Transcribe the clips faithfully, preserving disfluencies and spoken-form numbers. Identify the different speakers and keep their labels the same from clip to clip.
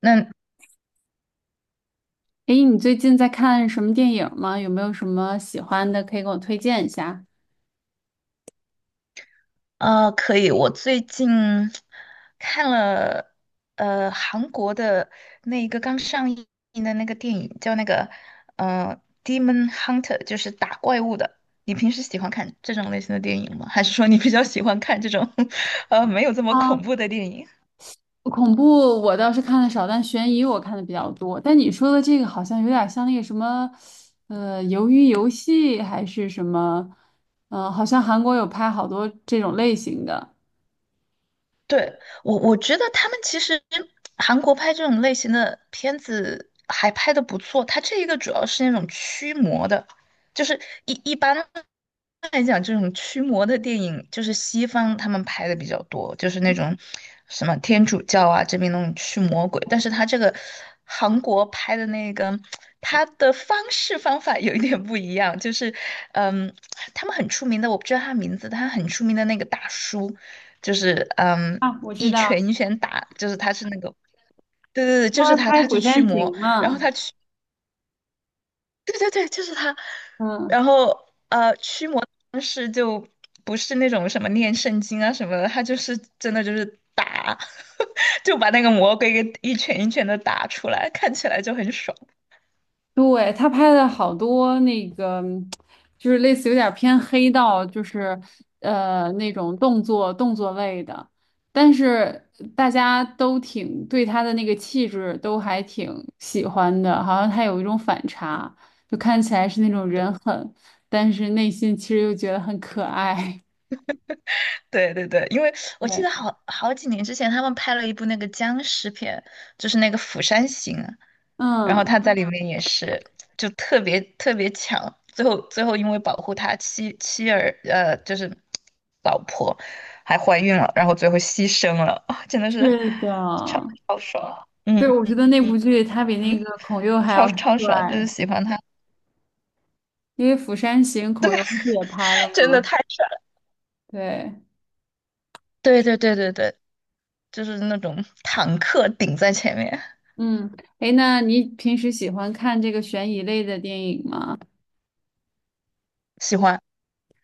Speaker 1: 那
Speaker 2: 诶，你最近在看什么电影吗？有没有什么喜欢的可以给我推荐一下？
Speaker 1: 呃，可以。我最近看了呃韩国的那一个刚上映的那个电影，叫那个呃《Demon Hunter》，就是打怪物的。你平时喜欢看这种类型的电影吗？还是说你比较喜欢看这种 呃没有这么恐
Speaker 2: 啊，
Speaker 1: 怖的电影？
Speaker 2: 恐怖我倒是看的少，但悬疑我看的比较多。但你说的这个好像有点像那个什么，呃，鱿鱼游戏还是什么？嗯、好像韩国有拍好多这种类型的。
Speaker 1: 对，我我觉得他们其实韩国拍这种类型的片子还拍的不错，它这一个主要是那种驱魔的，就是一一般来讲，这种驱魔的电影就是西方他们拍的比较多，就是那种什么天主教啊这边那种驱魔鬼，但是他这个韩国拍的那个，他的方式方法有一点不一样，就是嗯，他们很出名的，我不知道他名字，他很出名的那个大叔。就是嗯，
Speaker 2: 啊，我知
Speaker 1: 一
Speaker 2: 道，
Speaker 1: 拳一拳打，就是他是那个，对对对，就
Speaker 2: 他
Speaker 1: 是
Speaker 2: 们
Speaker 1: 他，
Speaker 2: 拍
Speaker 1: 他去
Speaker 2: 《釜
Speaker 1: 驱
Speaker 2: 山行》
Speaker 1: 魔，然后
Speaker 2: 嘛。
Speaker 1: 对对对，就是他，
Speaker 2: 嗯，
Speaker 1: 然后呃，驱魔的方式就不是那种什么念圣经啊什么的，他就是真的就是打，就把那个魔鬼给一拳一拳的打出来，看起来就很爽。
Speaker 2: 对，他拍的好多那个，就是类似有点偏黑道，就是呃那种动作动作类的，但是大家都挺对他的那个气质都还挺喜欢的，好像他有一种反差，就看起来是那种人狠，但是内心其实又觉得很可爱。
Speaker 1: 对对对，因为 我记
Speaker 2: 对，
Speaker 1: 得好好几年之前，他们拍了一部那个僵尸片，就是那个《釜山行》，然后
Speaker 2: 嗯，
Speaker 1: 他在里面也是就特别特别强，最后最后因为保护他妻妻儿呃就是老婆还怀孕了，然后最后牺牲了，啊真的是
Speaker 2: 是的，
Speaker 1: 超超爽，嗯
Speaker 2: 对，我觉得那部
Speaker 1: 嗯
Speaker 2: 剧他比那
Speaker 1: 嗯，
Speaker 2: 个孔侑还
Speaker 1: 超
Speaker 2: 要
Speaker 1: 超爽，就是
Speaker 2: 帅，
Speaker 1: 喜欢他，
Speaker 2: 因为《釜山行》孔侑不是也拍了
Speaker 1: 真的
Speaker 2: 吗？
Speaker 1: 太爽，
Speaker 2: 对，
Speaker 1: 对对对对对，就是那种坦克顶在前面，
Speaker 2: 嗯，诶，那你平时喜欢看这个悬疑类的电影吗？
Speaker 1: 喜欢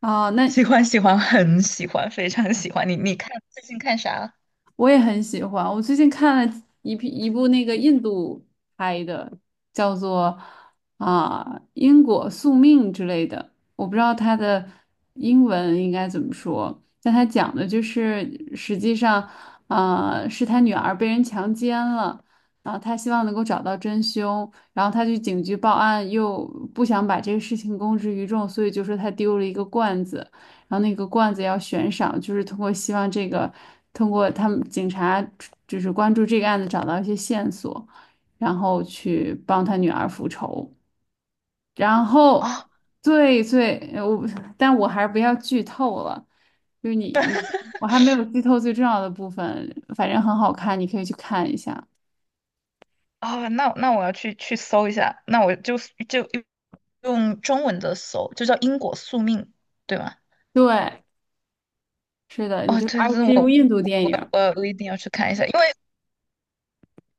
Speaker 2: 哦，那
Speaker 1: 喜欢喜欢，很喜欢，非常喜欢你，你看最近看啥啊？
Speaker 2: 我也很喜欢。我最近看了一批一部那个印度拍的，叫做啊因果宿命之类的，我不知道它的英文应该怎么说，但它讲的就是实际上啊是他女儿被人强奸了。啊他希望能够找到真凶，然后他去警局报案，又不想把这个事情公之于众，所以就说他丢了一个罐子。然后那个罐子要悬赏，就是通过希望这个，通过他们警察就是关注这个案子，找到一些线索，然后去帮他女儿复仇。然后
Speaker 1: 哦
Speaker 2: 最最呃我，但我还是不要剧透了，就是你你我还没有剧透最重要的部分，反正很好看，你可以去看一下。
Speaker 1: 啊，那那我要去去搜一下，那我就就用用中文的搜，就叫因果宿命，对吗？
Speaker 2: 对，是的，你
Speaker 1: 哦，
Speaker 2: 就
Speaker 1: 对，
Speaker 2: 而
Speaker 1: 这
Speaker 2: 且是一部
Speaker 1: 我
Speaker 2: 印度电影。
Speaker 1: 我我一定要去看一下，因为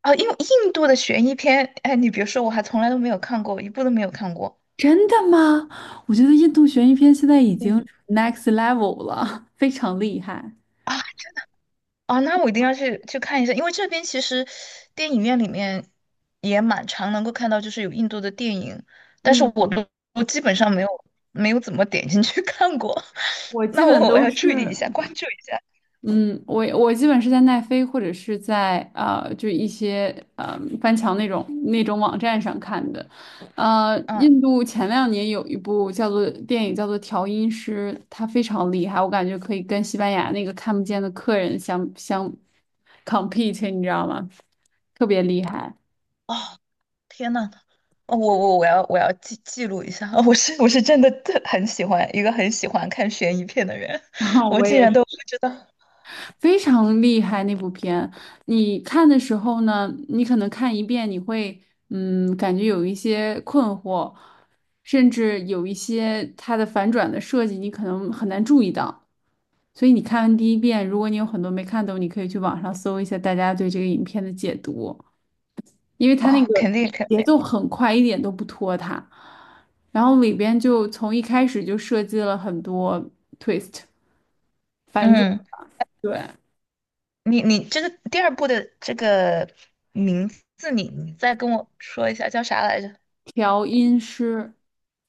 Speaker 1: 啊、因为印度的悬疑片，哎，你别说，我还从来都没有看过，一部都没有看过
Speaker 2: 真的吗？我觉得印度悬疑片现在已
Speaker 1: 嗯，
Speaker 2: 经 next level 了，非常厉害。
Speaker 1: 啊啊，那我一定要去去看一下，因为这边其实电影院里面也蛮常能够看到，就是有印度的电影，但是
Speaker 2: 嗯，
Speaker 1: 我都我基本上没有没有怎么点进去看过，
Speaker 2: 我 基
Speaker 1: 那
Speaker 2: 本
Speaker 1: 我我
Speaker 2: 都
Speaker 1: 要
Speaker 2: 是，
Speaker 1: 注意一下，关注一下。
Speaker 2: 嗯，我我基本是在奈飞或者是在呃，就一些呃翻墙那种那种网站上看的。呃，
Speaker 1: 嗯，
Speaker 2: 印度前两年有一部叫做电影叫做《调音师》，它非常厉害，我感觉可以跟西班牙那个看不见的客人相相 compete，你知道吗？特别厉害。
Speaker 1: 哦，天呐，哦我我我要我要记记录一下，我是我是真的特很喜欢一个很喜欢看悬疑片的人，
Speaker 2: 然 后
Speaker 1: 我
Speaker 2: 我
Speaker 1: 竟
Speaker 2: 也
Speaker 1: 然
Speaker 2: 是。
Speaker 1: 都不知道，
Speaker 2: 非常厉害那部片。你看的时候呢，你可能看一遍，你会嗯，感觉有一些困惑，甚至有一些它的反转的设计，你可能很难注意到。所以你看完第一遍，如果你有很多没看懂，你可以去网上搜一下大家对这个影片的解读，因为它那
Speaker 1: 哦，
Speaker 2: 个
Speaker 1: 肯定肯
Speaker 2: 节
Speaker 1: 定，
Speaker 2: 奏很快，一点都不拖沓。然后里边就从一开始就设计了很多 twist 反转，
Speaker 1: 嗯，
Speaker 2: 对，
Speaker 1: 你你这个第二部的这个名字你，你再跟我说一下叫啥来着？
Speaker 2: 调音师。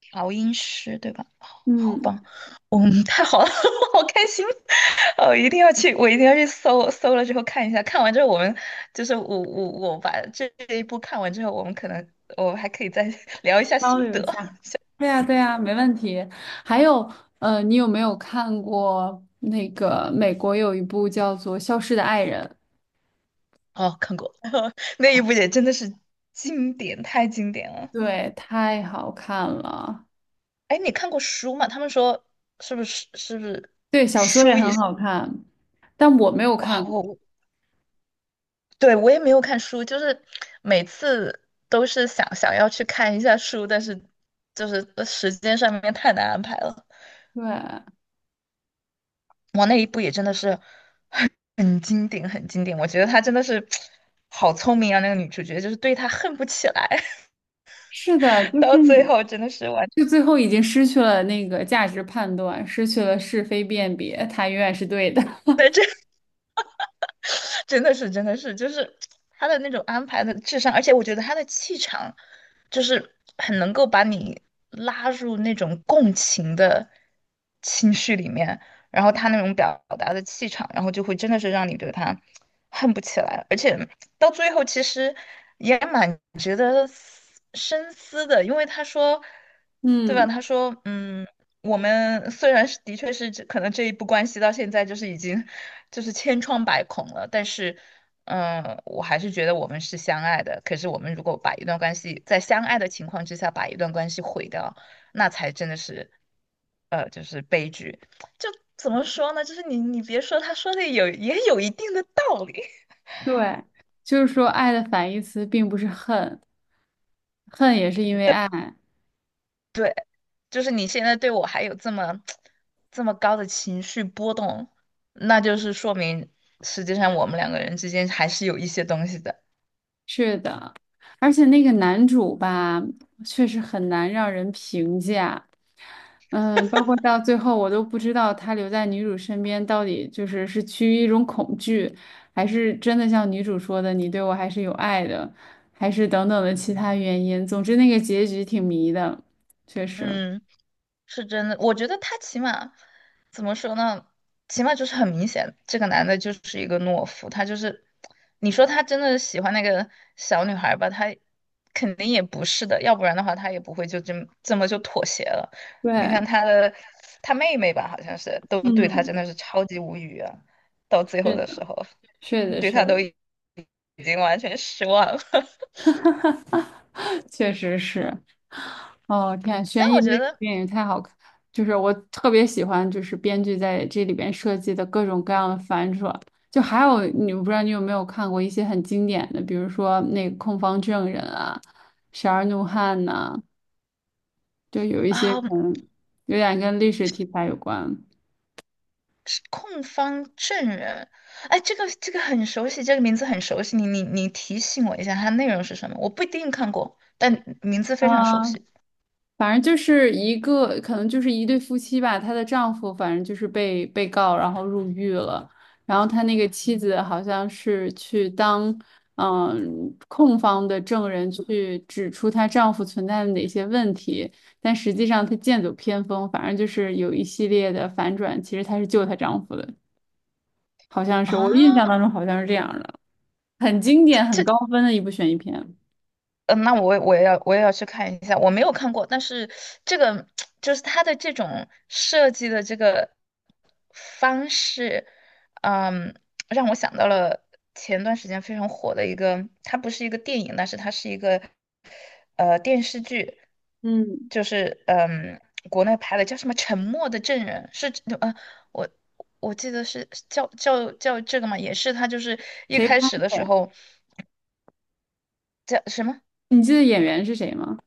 Speaker 1: 调音师，对吧？好好
Speaker 2: 嗯，
Speaker 1: 棒，嗯，太好了，好开心，哦，一定要去，我一定要去搜搜了之后看一下，看完之后我们就是我我我把这一部看完之后，我们可能我还可以再 聊一下
Speaker 2: 交
Speaker 1: 心
Speaker 2: 流
Speaker 1: 得。
Speaker 2: 一下。对呀，对呀，没问题。还有，呃，你有没有看过那个美国有一部叫做《消失的爱人》？
Speaker 1: 哦，看过 那一部也真的是经典，太经典了。
Speaker 2: 对，太好看了。
Speaker 1: 哎，你看过书吗？他们说是不是是不是？
Speaker 2: 对，小说也很好看，但我没有
Speaker 1: 哇，
Speaker 2: 看过。
Speaker 1: 我我对，我也没有看书，就是每次都是想想要去看一下书，但是就是呃时间上面太难安排了。
Speaker 2: 对，
Speaker 1: 哇，那一部也真的是很很经典，很经典。我觉得她真的是 好聪明啊，那个女主角就是对她恨不起来，
Speaker 2: 是的，就
Speaker 1: 到
Speaker 2: 是
Speaker 1: 最
Speaker 2: 你，
Speaker 1: 后真的是完。
Speaker 2: 就最后已经失去了那个价值判断，失去了是非辨别，他永远是对的。
Speaker 1: 真的是，真的是，就是他的那种安排的智商，而且我觉得他的气场，就是很能够把你拉入那种共情的情绪里面，然后他那种表达的气场，然后就会真的是让你对他恨不起来，而且到最后其实也蛮值得思深思的，因为他说，对吧？
Speaker 2: 嗯，
Speaker 1: 他说，嗯。我们虽然是的确是这可能这一步关系到现在就是已经就是千疮百孔了，但是，嗯，我还是觉得我们是相爱的。可是我们如果把一段关系在相爱的情况之下把一段关系毁掉，那才真的是，呃，就是悲剧。就怎么说呢？就是你你别说，他说的有也有一定的道理。
Speaker 2: 对，就是说，爱的反义词并不是恨，恨也是因为爱。
Speaker 1: 就是你现在对我还有这么 这么高的情绪波动，那就是说明实际上我们两个人之间还是有一些东西的。
Speaker 2: 是的，而且那个男主吧，确实很难让人评价。嗯，包括到最后，我都不知道他留在女主身边到底就是是趋于一种恐惧，还是真的像女主说的，你对我还是有爱的，还是等等的其他原因。总之，那个结局挺迷的，确实。
Speaker 1: 嗯，是真的，我觉得他起码怎么说呢？起码就是很明显，这个男的就是一个懦夫，他就是，你说他真的喜欢那个小女孩吧，他肯定也不是的，要不然的话他也不会就这么这么就妥协了。你
Speaker 2: 对，
Speaker 1: 看他的他妹妹吧，好像是都对他真
Speaker 2: 嗯，
Speaker 1: 的是超级无语啊，到最后
Speaker 2: 是
Speaker 1: 的时
Speaker 2: 的，
Speaker 1: 候
Speaker 2: 是的，
Speaker 1: 对
Speaker 2: 是
Speaker 1: 他都
Speaker 2: 的，
Speaker 1: 已经完全失望了。
Speaker 2: 确实是。哦，天，
Speaker 1: 但
Speaker 2: 悬疑
Speaker 1: 我觉
Speaker 2: 类的
Speaker 1: 得
Speaker 2: 电影太好看，就是我特别喜欢，就是编剧在这里边设计的各种各样的反转。就还有，你我不知道你有没有看过一些很经典的，比如说那个《控方证人》啊，《十二怒汉》呐，就有一些
Speaker 1: 啊。
Speaker 2: 可能有点跟历史题材有关。
Speaker 1: 控方证人，哎，这个这个很熟悉，这个名字很熟悉。你你你提醒我一下，它内容是什么？我不一定看过，但名字非常熟
Speaker 2: 嗯。
Speaker 1: 悉
Speaker 2: 反正就是一个，可能就是一对夫妻吧，她的丈夫反正就是被被告，然后入狱了，然后他那个妻子好像是去当嗯控方的证人去指出她丈夫存在的哪些问题，但实际上她剑走偏锋，反正就是有一系列的反转，其实她是救她丈夫的，好像是我印象当
Speaker 1: 啊。
Speaker 2: 中好像是这样的，很经
Speaker 1: 这
Speaker 2: 典、很
Speaker 1: 这
Speaker 2: 高分的一部悬疑片。
Speaker 1: 嗯，那我我也要我也要去看一下，我没有看过，但是这个就是它的这种设计的这个方式，嗯，让我想到了前段时间非常火的一个，它不是一个电影，但是它是一个呃电视剧，
Speaker 2: 嗯，
Speaker 1: 就是嗯国内拍的叫什么《沉默的证人》，是呃我我记得是叫叫叫这个嘛，也是他就是一
Speaker 2: 谁
Speaker 1: 开
Speaker 2: 拍
Speaker 1: 始的
Speaker 2: 的
Speaker 1: 时
Speaker 2: 呀？
Speaker 1: 候叫什么？
Speaker 2: 你记得演员是谁吗？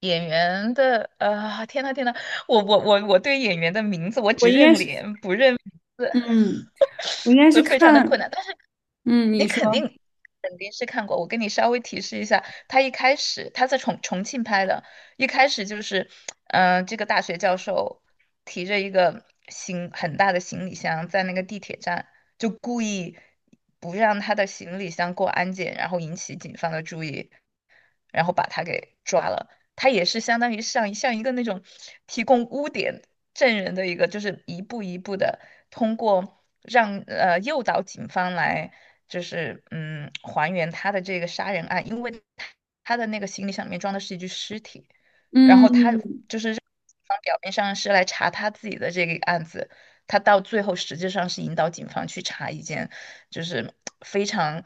Speaker 1: 演员的，呃，天呐天呐，我我我我对演员的名字我
Speaker 2: 我
Speaker 1: 只
Speaker 2: 应该
Speaker 1: 认
Speaker 2: 是
Speaker 1: 脸不认名字，
Speaker 2: 嗯。我应该 是
Speaker 1: 呃非常的困
Speaker 2: 看，
Speaker 1: 难。但是。
Speaker 2: 嗯，你
Speaker 1: 你
Speaker 2: 说，
Speaker 1: 肯定肯定是看过。我跟你稍微提示一下，他一开始他在重重庆拍的，一开始就是，嗯、这个大学教授提着一个行很大的行李箱在那个地铁站，就故意不让他的行李箱过安检，然后引起警方的注意，然后把他给抓了。他也是相当于像像一个那种提供污点证人的一个，就是一步一步的通过让呃诱导警方来，就是嗯还原他的这个杀人案，因为他他的那个行李箱里面装的是一具尸体，然后他
Speaker 2: 嗯，
Speaker 1: 就是让警方表面上是来查他自己的这个案子，他到最后实际上是引导警方去查一件就是非常。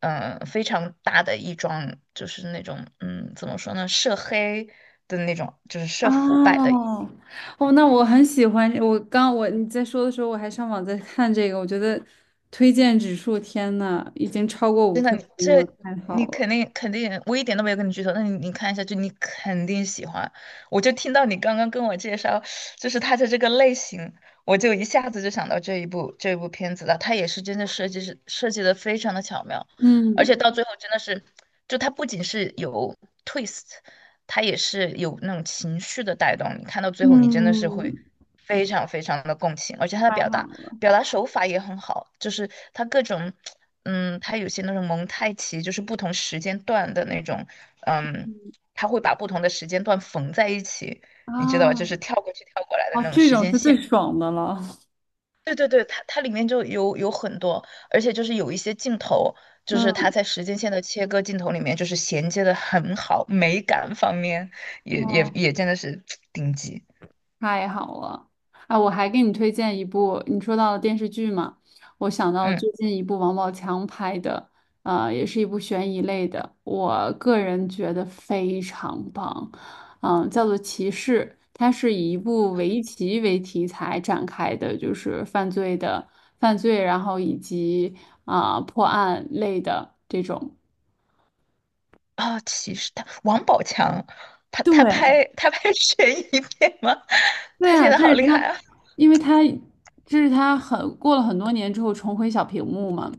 Speaker 1: 嗯、非常大的一桩，就是那种，嗯，怎么说呢，涉黑的那种，就是涉腐败的
Speaker 2: 哦，哦，那我很喜欢，我刚我你在说的时候，我还上网在看这个，我觉得推荐指数，天呐，已经超过五颗星
Speaker 1: 这
Speaker 2: 了，太
Speaker 1: 你
Speaker 2: 好了，
Speaker 1: 肯定肯定，我一点都没有跟你剧透，那你你看一下就你肯定喜欢。我就听到你刚刚跟我介绍，就是它的这个类型，我就一下子就想到这一部这一部片子了。它也是真的设计是设计的非常的巧妙，而
Speaker 2: 嗯
Speaker 1: 且到最后真的是，就它不仅是有 twist，它也是有那种情绪的带动。你看到最后，你真的是会
Speaker 2: 嗯，
Speaker 1: 非常非常的共情，而且它的
Speaker 2: 太
Speaker 1: 表
Speaker 2: 好
Speaker 1: 达。
Speaker 2: 了
Speaker 1: 表达手法也很好，就是它各种，嗯，它有些那种蒙太奇，就是不同时间段的那种，嗯，它会把不同的时间段缝在一起，你知道吧？
Speaker 2: 啊，
Speaker 1: 就是跳过去跳过来的
Speaker 2: 哦，
Speaker 1: 那种
Speaker 2: 这
Speaker 1: 时
Speaker 2: 种
Speaker 1: 间
Speaker 2: 是
Speaker 1: 线。
Speaker 2: 最爽的了，
Speaker 1: 对对对，它它里面就有有很多，而且就是有一些镜头，就是它
Speaker 2: 嗯，
Speaker 1: 在时间线的切割镜头里面，就是衔接的很好，美感方面也也
Speaker 2: 哦。
Speaker 1: 也真的是 顶级。
Speaker 2: 太好了！啊，我还给你推荐一部，你说到了电视剧嘛，我想到
Speaker 1: 嗯。
Speaker 2: 最近一部王宝强拍的，啊，也是一部悬疑类的，我个人觉得非常棒，嗯、叫做《骑士》，它是以一部围棋为题材展开的，就是犯罪的犯罪，然后以及啊、破案类的这种。
Speaker 1: 哦，其实他王宝强，他他
Speaker 2: 对，
Speaker 1: 拍他拍 悬疑片吗？
Speaker 2: 对
Speaker 1: 他现
Speaker 2: 啊，
Speaker 1: 在
Speaker 2: 这
Speaker 1: 好
Speaker 2: 是
Speaker 1: 厉害
Speaker 2: 他，
Speaker 1: 啊！
Speaker 2: 因为他这是他很过了很多年之后重回小屏幕嘛，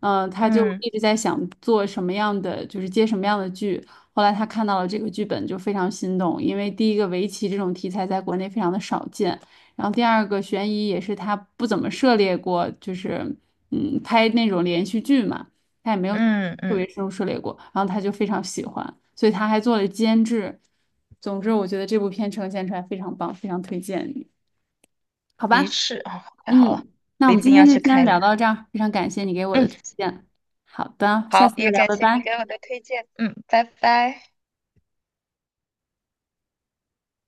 Speaker 2: 嗯、他就
Speaker 1: 嗯
Speaker 2: 一直在想做什么样的，就是接什么样的剧。后来他看到了这个剧本，就非常心动，因为第一个围棋这种题材在国内非常的少见，然后第二个悬疑也是他不怎么涉猎过，就是嗯拍那种连续剧嘛。他也没有
Speaker 1: 嗯
Speaker 2: 特
Speaker 1: 嗯，
Speaker 2: 别深入涉猎过，然后他就非常喜欢，所以他还做了监制。总之，我觉得这部片呈现出来非常棒，非常推荐你，好
Speaker 1: 的
Speaker 2: 吧？
Speaker 1: 确啊，太好了，
Speaker 2: 嗯，那
Speaker 1: 我
Speaker 2: 我
Speaker 1: 一
Speaker 2: 们
Speaker 1: 定
Speaker 2: 今
Speaker 1: 要
Speaker 2: 天就
Speaker 1: 去
Speaker 2: 先
Speaker 1: 看一
Speaker 2: 聊
Speaker 1: 看。
Speaker 2: 到这儿，非常感谢你给我
Speaker 1: 嗯，
Speaker 2: 的推荐。好的，下
Speaker 1: 好，
Speaker 2: 次再
Speaker 1: 也
Speaker 2: 聊，
Speaker 1: 感
Speaker 2: 拜
Speaker 1: 谢你给
Speaker 2: 拜。
Speaker 1: 我的推荐。嗯，拜拜。